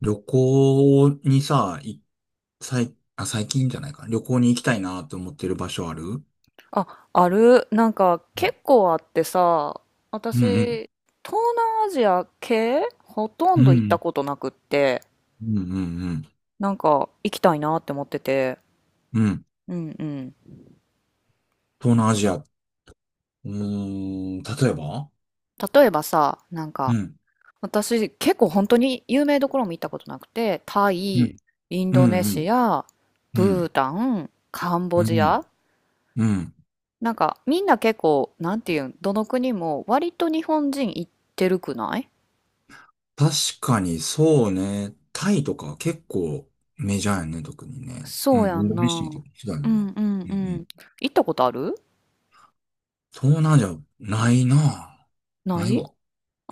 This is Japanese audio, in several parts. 旅行にさ、い、最、あ、最近じゃないか。旅行に行きたいなと思ってる場所ある？うあ、ある。なんかん結構あってさ、うん私、東南アジア系ほとうんん。うど行ったんことなくって、うんうんなんか行きたいなって思ってて。うん。うん。うんうん。東南アジア。例えば？例えばさ、なんかうん私結構本当に有名どころも行ったことなくて、タうイ、んインうドんネうんシア、うブーんタン、カンボうジん。ア。なんかみんな結構、なんていうん、どの国も割と日本人行ってるくない？確かにそうね。タイとか結構メジャーやね、特にね。うそうやん、インんドネシアとな。かひどいようんな。うんうんううん。ん。行ったことある？東南アジア、ないな。なないい？わ。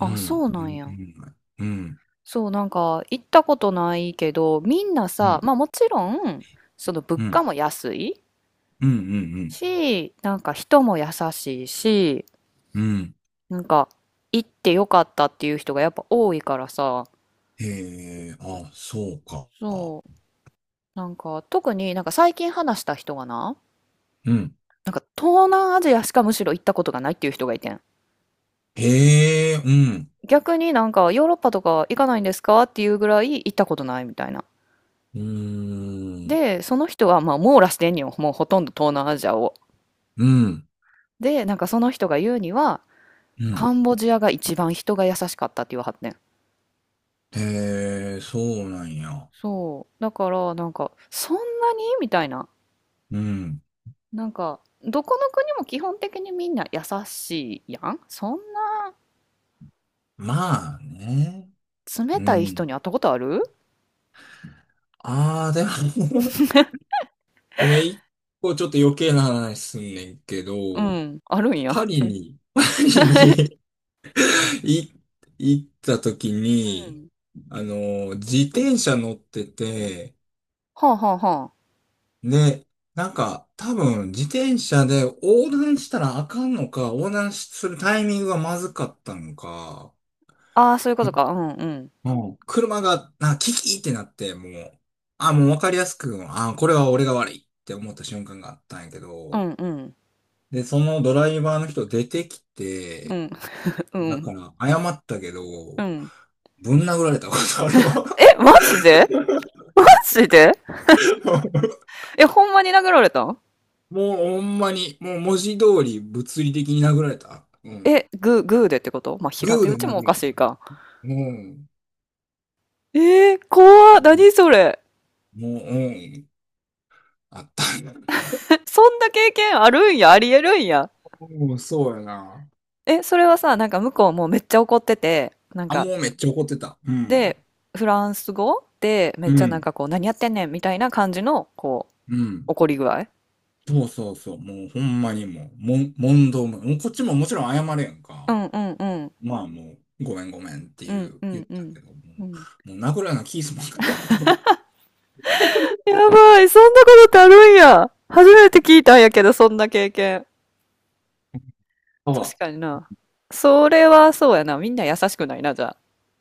うそん、うなん全や。然ない。うん。そう、なんか行ったことないけど、みんなうさ、んまあもちろん、その物う価ん。も安いうん、うん、し、なんか人も優しいし、うん。うん。なんか行ってよかったっていう人がやっぱ多いからさ、へえ、あ、そうか。そう、なんか特になんか最近話した人がな、うん。なんか東南アジアしかむしろ行ったことがないっていう人がいてん。へえ、うん。逆になんかヨーロッパとか行かないんですかっていうぐらい行ったことないみたいな。うーん。で、その人はまあ網羅してんよ。もうほとんど東南アジアを。うん。で、なんかその人が言うには、うん。カンボジアが一番人が優しかったって言わはってん。へえ、そうなんや。そう。だからなんか、そんなにみたいな。うん。なんか、どこの国も基本的にみんな優しいやん。そんなまあね。冷うたい人ん。に会ったことある？ ああ、でも ごめん、一個ちょっと余計な話すんねんけうど、ん、あるんや。パ リに、パリに い行った時うに、ん。自転車乗ってて、はあはあはね、なんか、多分、自転車で横断したらあかんのか、横断するタイミングがまずかったのか、あ。ああ、そういうことか。うんうん。もうん。車が、キキってなって、もうわかりやすく、あ、これは俺が悪いって思った瞬間があったんやけうど、んうん。で、そのドライバーの人出てきうて、んうだん。から謝ったけど、うん。ぶん殴られたことあるわ。え、マジで？マジで？ え、ほんまに殴られたん？もうほんまに、もう文字通り物理的に殴られた。うん。え、グー、グーでってこと？まあ、平グー手で打ち殴もらおかれしたいな。か。うん。えー、怖っ。何それ。もう、うん、あった。そんな経験あるんや、ありえるんや。うん、そうやな。え、それはさ、なんか向こうもうめっちゃ怒ってて、なんあ、か、もうめっちゃ怒ってた。うん。で、フランス語でめうっちゃなんん。かこう、何やってんねんみたいな感じの、こう、うん。怒り具合。そうそうそう。もうほんまにもう、問答無用。こっちももちろん謝れやんうか。んうんうん。まあもう、ごめんごめんってういんう、う言っんうたん。けども、うん。もう殴るようなキすまんかったよ。やばい、そんなことってあるんや。初めて聞いたんやけど、そんな経験。確あ、かにな。それはそうやな。みんな優しくないな、じゃあ。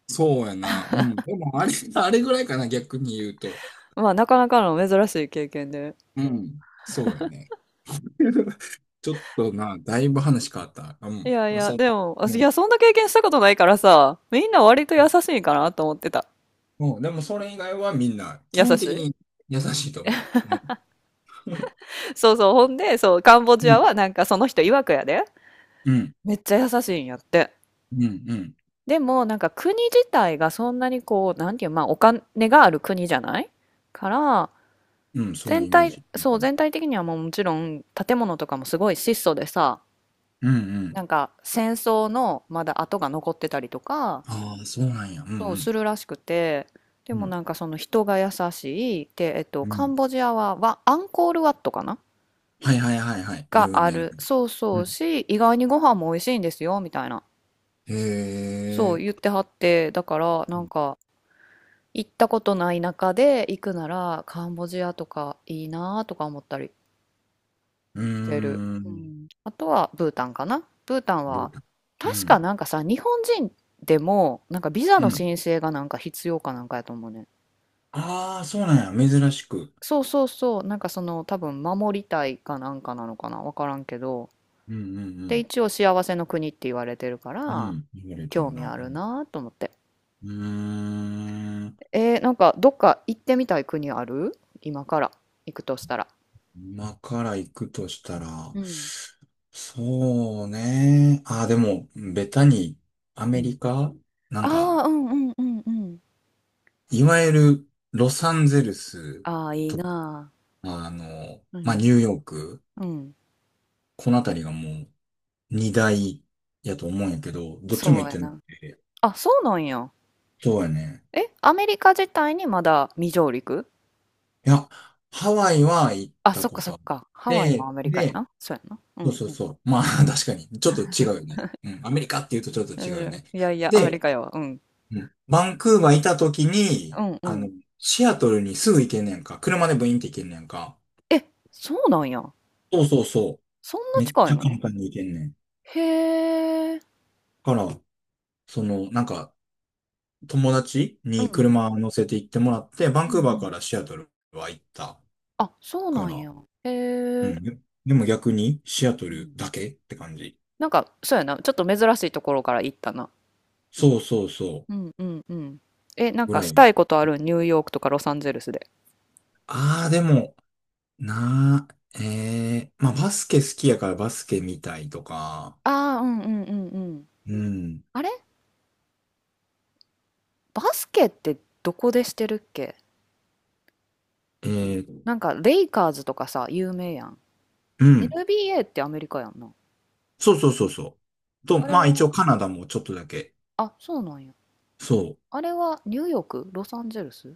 そうやな。うん。でもあれ、あれぐらいかな、逆に言うと。まあ、なかなかの珍しい経験で。うん。そうよね。ちょっとな、だいぶ話変わった。いやいうん。や、そう。でも、あいや、そんな経験したことないからさ、みんな割と優しいんかなと思ってた。うん、でもそれ以外はみんな基優本し的い。に優しいと思う。うそうそう。ほんで、そう、カンボジアん、はなんかその人曰くやで。うん、うん、めっちゃ優しいんやって。うん、うん、でも、なんか国自体がそんなにこう、なんていう、まあ、お金がある国じゃないから、うんその全イメー体、ジ。うそう、ん、全体的にはもうもちろん建物とかもすごい質素でさ、うん、うん。なんか戦争のまだ跡が残ってたりとか、ああ、そうなんや。うん、うそうすん、るらしくて、でうもん、なんかその人が優しい、で、うカンん。ボジアは、アンコールワットかなはいはいはいはい。が有あ名な。る。そううそうん。し、意外にご飯も美味しいんですよ、みたいな。へそう言っえ。てはって、だからなうんん。か行ったことない中で行くならカンボジアとかいいなとか思ったり。うーしてる。うん、ん。あとはブータンかな。ブータンどうは、だ？う確かん、なんかさ、日本人でも、なんかビザうのん。申請がなんか必要かなんかやと思うね。ああ、そうなんや。珍しく。そうそうそう、なんかその多分守りたいかなんかなのかな、わからんけど。うん、うで、ん、一応幸せの国って言われてるかうん。うら、ん、言われて興る味な。あうるん。なと思って。うーん、なんかどっか行ってみたい国ある？今から行くとしたら。今から行くとしたら、うん。そうね。あ、でも、ベタに、アうメん。リカ、なんか、ああ、うんうんうんうん。いわゆる、ロサンゼルスああ、いいと、なあ。うまあ、ん。ニューヨーク、うん。このあたりがもう、二大やと思うんやけど、どっちもそ行うっやてなくな。て。あ、そうなんや。そうやね。え、アメリカ自体にまだ未上陸？いや、ハワイは行っあ、たそっかこそとっあっか。ハワイもて、アメリカやで、な。そうやな。うそうんそううん。そう。まあ、確かに、ちょっと違うよね。うん、アメリカって言うとちょっと違うよね。いやいや、アメリで、カやわ。うん。うん、バンクーバーいた時うに、んうん。シアトルにすぐ行けんねんか。車でブインって行けんねんか。え、そうなんや。そうそうそそんう。なめっ近ちいゃの？簡単に行けんねん。へえ。から、その、なんか、友達うにん。車乗せて行ってもらって、バうンんうクーバーかん。らシアトルは行った。あ、そうかなんら、や。へうえ。ん。で、でも逆に、シアトうルん。だけって感じ。なんか、そうやな。ちょっと珍しいところから行ったな。そうそうそうんうんうん。え、なんう。ぐからしい。たいことある？ニューヨークとかロサンゼルスで。ああ、でも、なー、ええまあ、バスケ好きやからバスケ見たいとか、ああ、うんうんうんうん。うん。あれ、バスケってどこでしてるっけ？えー、なんか、レイカーズとかさ、有名やん。うん。NBA ってアメリカやんな。そうそうそうそう。と、あれまあ一は、応カナダもちょっとだけ。あ、そうなんや。そあれはニューヨーク？ロサンゼルス？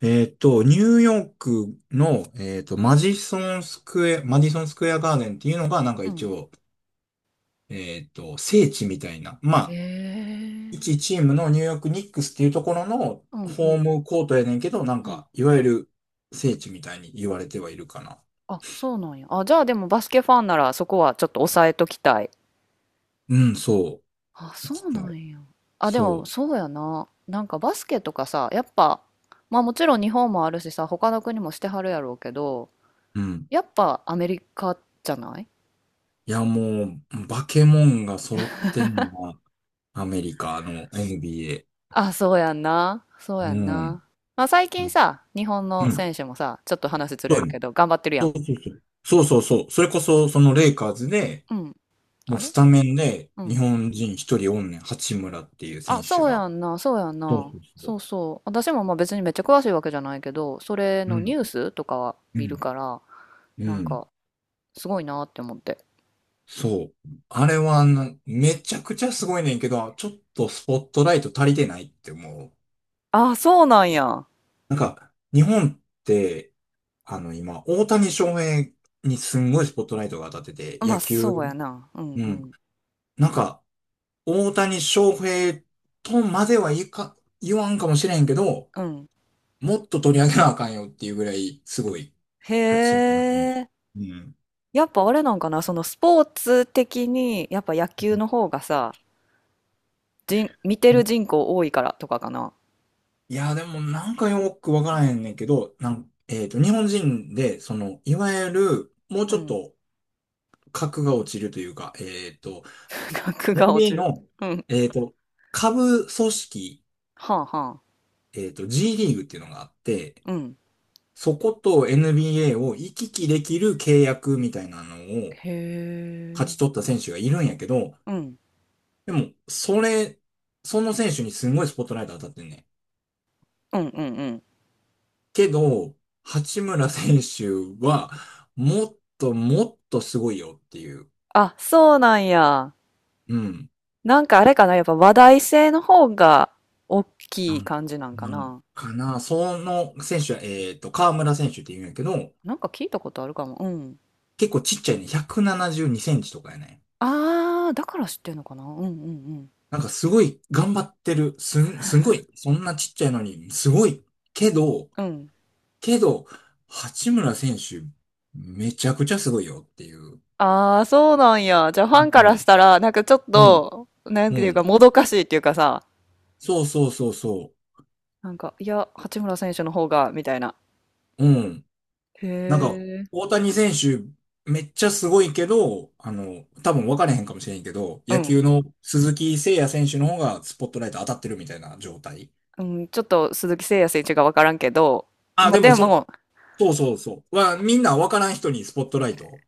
う。ニューヨークの、マディソンスクエアガーデンっていうのがなんかう一ん。応、聖地みたいな。まへあ、え。一チームのニューヨークニックスっていうところのうんうホーんムコートやねんけど、なんうん。か、いわゆる聖地みたいに言われてはいるかな。あ、そうなんや。あ、じゃあでもバスケファンならそこはちょっと抑えときたい。うん、そう。あ、行そきうたない。んや。あ、でもそそうやな。なんかバスケとかさ、やっぱ、まあもちろん日本もあるしさ、他の国もしてはるやろうけど、う。うん。やっぱアメリカじゃない？もう、バケモンが揃ってんのが、アメリカの NBA。あ、そうやんな。そうやうんん。な。まあ、最う近ん。さ、日本うのん、選手もさ、ちょっと話ずそれうるやね。けど、頑張ってるやそん。うそうそう。そうそうそう。それこそ、そのレイカーズで、うん。もあうれ、スタメンでう日ん。本人一人おんねん。八村っていう選あ、手そうが。やんな。そうやんそうな。そうそそうそう。私もまあ別にめっちゃ詳しいわけじゃないけど、それう。うのニん。ュースとかはう見るん。から、なうんん。か、すごいなって思って。そう。あれはな、めちゃくちゃすごいねんけど、ちょっとスポットライト足りてないって思う。あ、そうなんや。なんか、日本って、今、大谷翔平にすんごいスポットライトが当たってて、ま野あ、球、そうやな。うんううん。ん。なんか、大谷翔平とまではいか、言わんかもしれんけど、うん。もっと取り上げなあかんよっていうぐらい、すごい、八へ村選え。手。うん。やっぱあれなんかな、そのスポーツ的に、やっぱ野球の方がさ、人、見てる人口多いからとかかな。いや、でもなんかよくわからへんねんけど、なん、えっと、日本人で、その、いわゆる、もううちょっん。と格が落ちるというか、額が落 NBA ちる。の、うん。えっと、下部組織、はあはあ。G リーグっていうのがあって、うん。そこと NBA を行き来できる契約みたいなのを、へ勝ちえ。取った選手がいるんやけど、うん。でも、それ、その選手にすごいスポットライト当たってんね。うんうんうん。けど、八村選手は、もっともっとすごいよっていう、あ、そうなんや。うん、なんかあれかな、やっぱ話題性の方が大なきいん、感じなんかなんな。かな。その選手は、河村選手って言うんやけど、なんか聞いたことあるかも。うん。結構ちっちゃいね。172センチとかやね。あー、だから知ってんのかな。うんうんなんかすごい頑張ってる。すごい。そんなちっちゃいのに、すごい。けど、うん。うん。けど、八村選手、めちゃくちゃすごいよっていう。あー、そうなんや。じゃあフうァンからしん。たら、なんかちょっうん。と、なんうていうか、ん。もどかしいっていうかさ、そうそうそうそなんか、いや、八村選手の方が、みたいな。う。うん。へなんか、え。大谷選手、めっちゃすごいけど、多分分かれへんかもしれんけど、う野ん球の鈴木誠也選手の方がスポットライト当たってるみたいな状態。うん、ちょっと鈴木誠也選手がわからんけど、あ、まあ、でもでそん、も、そうそうそう。は、みんな分からん人にスポットライト。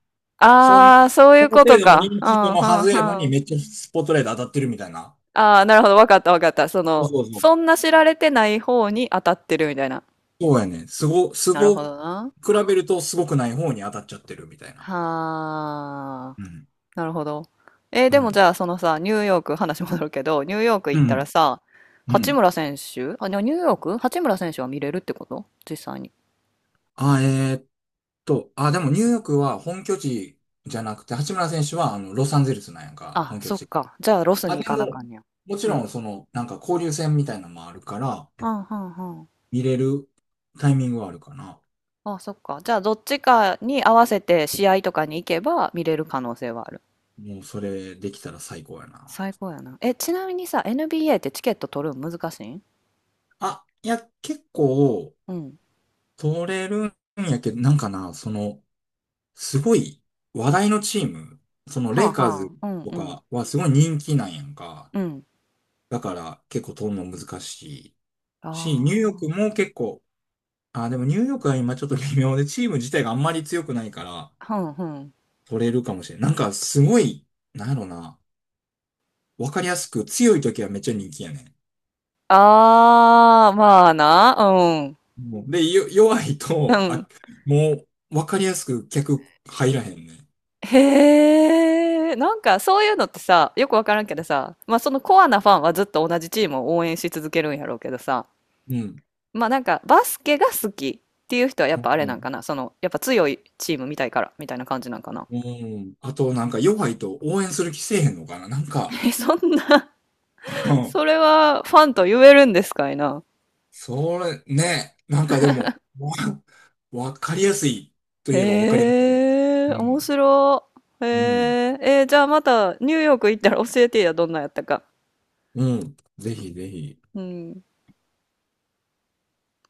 そん、ああ、そういそうのこ程と度のか。認う知度のはずん、やうのん、に、うん。めっちゃスポットライト当たってるみたいな。ああ、なるほど。わかった、わかった。その、そうそうそんな知られてない方に当たってるみたいな。そうやね。すご、すなるほご、どな。比べるとすごくない方に当たっちゃってるみたいな。はあ、うん。なるほど。えーうでもじん。ゃあ、そのさ、ニューヨーク、話戻るけど、ニューヨークう行ったらん。さ、う八ん。村選手、あ、でもニューヨーク、八村選手は見れるってこと？実際に。あ、えーっあ、でもニューヨークは本拠地じゃなくて、八村選手はあのロサンゼルスなんやんか、あ、本拠そっ地が。か。じゃあ、ロスあ、に行でかなあも、かんねや。もちうん。ろんその、なんか交流戦みたいなのもあるから、うん、うん、うん。見れるタイミングはあるかな。あ、そっか。じゃあ、どっちかに合わせて試合とかに行けば見れる可能性はある。もうそれできたら最高やな。最高やな。え、ちなみにさ、NBA ってチケット取るの難しいん？あ、いや、結構、うん。取れるんやけど、なんかな、その、すごい話題のチーム、そのはレあイカーズはあ。うんとうん。かはすごい人気なんやんか。うん。だから結構取るの難しいし、ニューヨーあクも結構、あ、でもニューヨークは今ちょっと微妙で、チーム自体があんまり強くないからあ。うんうん。取れるかもしれん。なんかすごい、なんやろな、わかりやすく強い時はめっちゃ人気やねああ、まあな。うん。ん。もう弱いうと、ん。あ、もうわかりやすく客入らへんね。へえ。なんか、そういうのってさ、よくわからんけどさ、まあ、そのコアなファンはずっと同じチームを応援し続けるんやろうけどさ、うん。まあなんかバスケが好きっていう人はやっぱあれうなんかん。な、そのやっぱ強いチーム見たいからみたいな感じなんかな。うん。あと、なんか弱いと応援する気せえへんのかななんか、え、そんな。うん。それはファンと言えるんですかいな。それ、ね、なんかでも、わかりやすいといえばわかりやすい。へうえ、面ん。白い。へうん。え、えーじゃあまたニューヨーク行ったら教えてや、どんなんやったか。うん。ぜひぜひ。うん。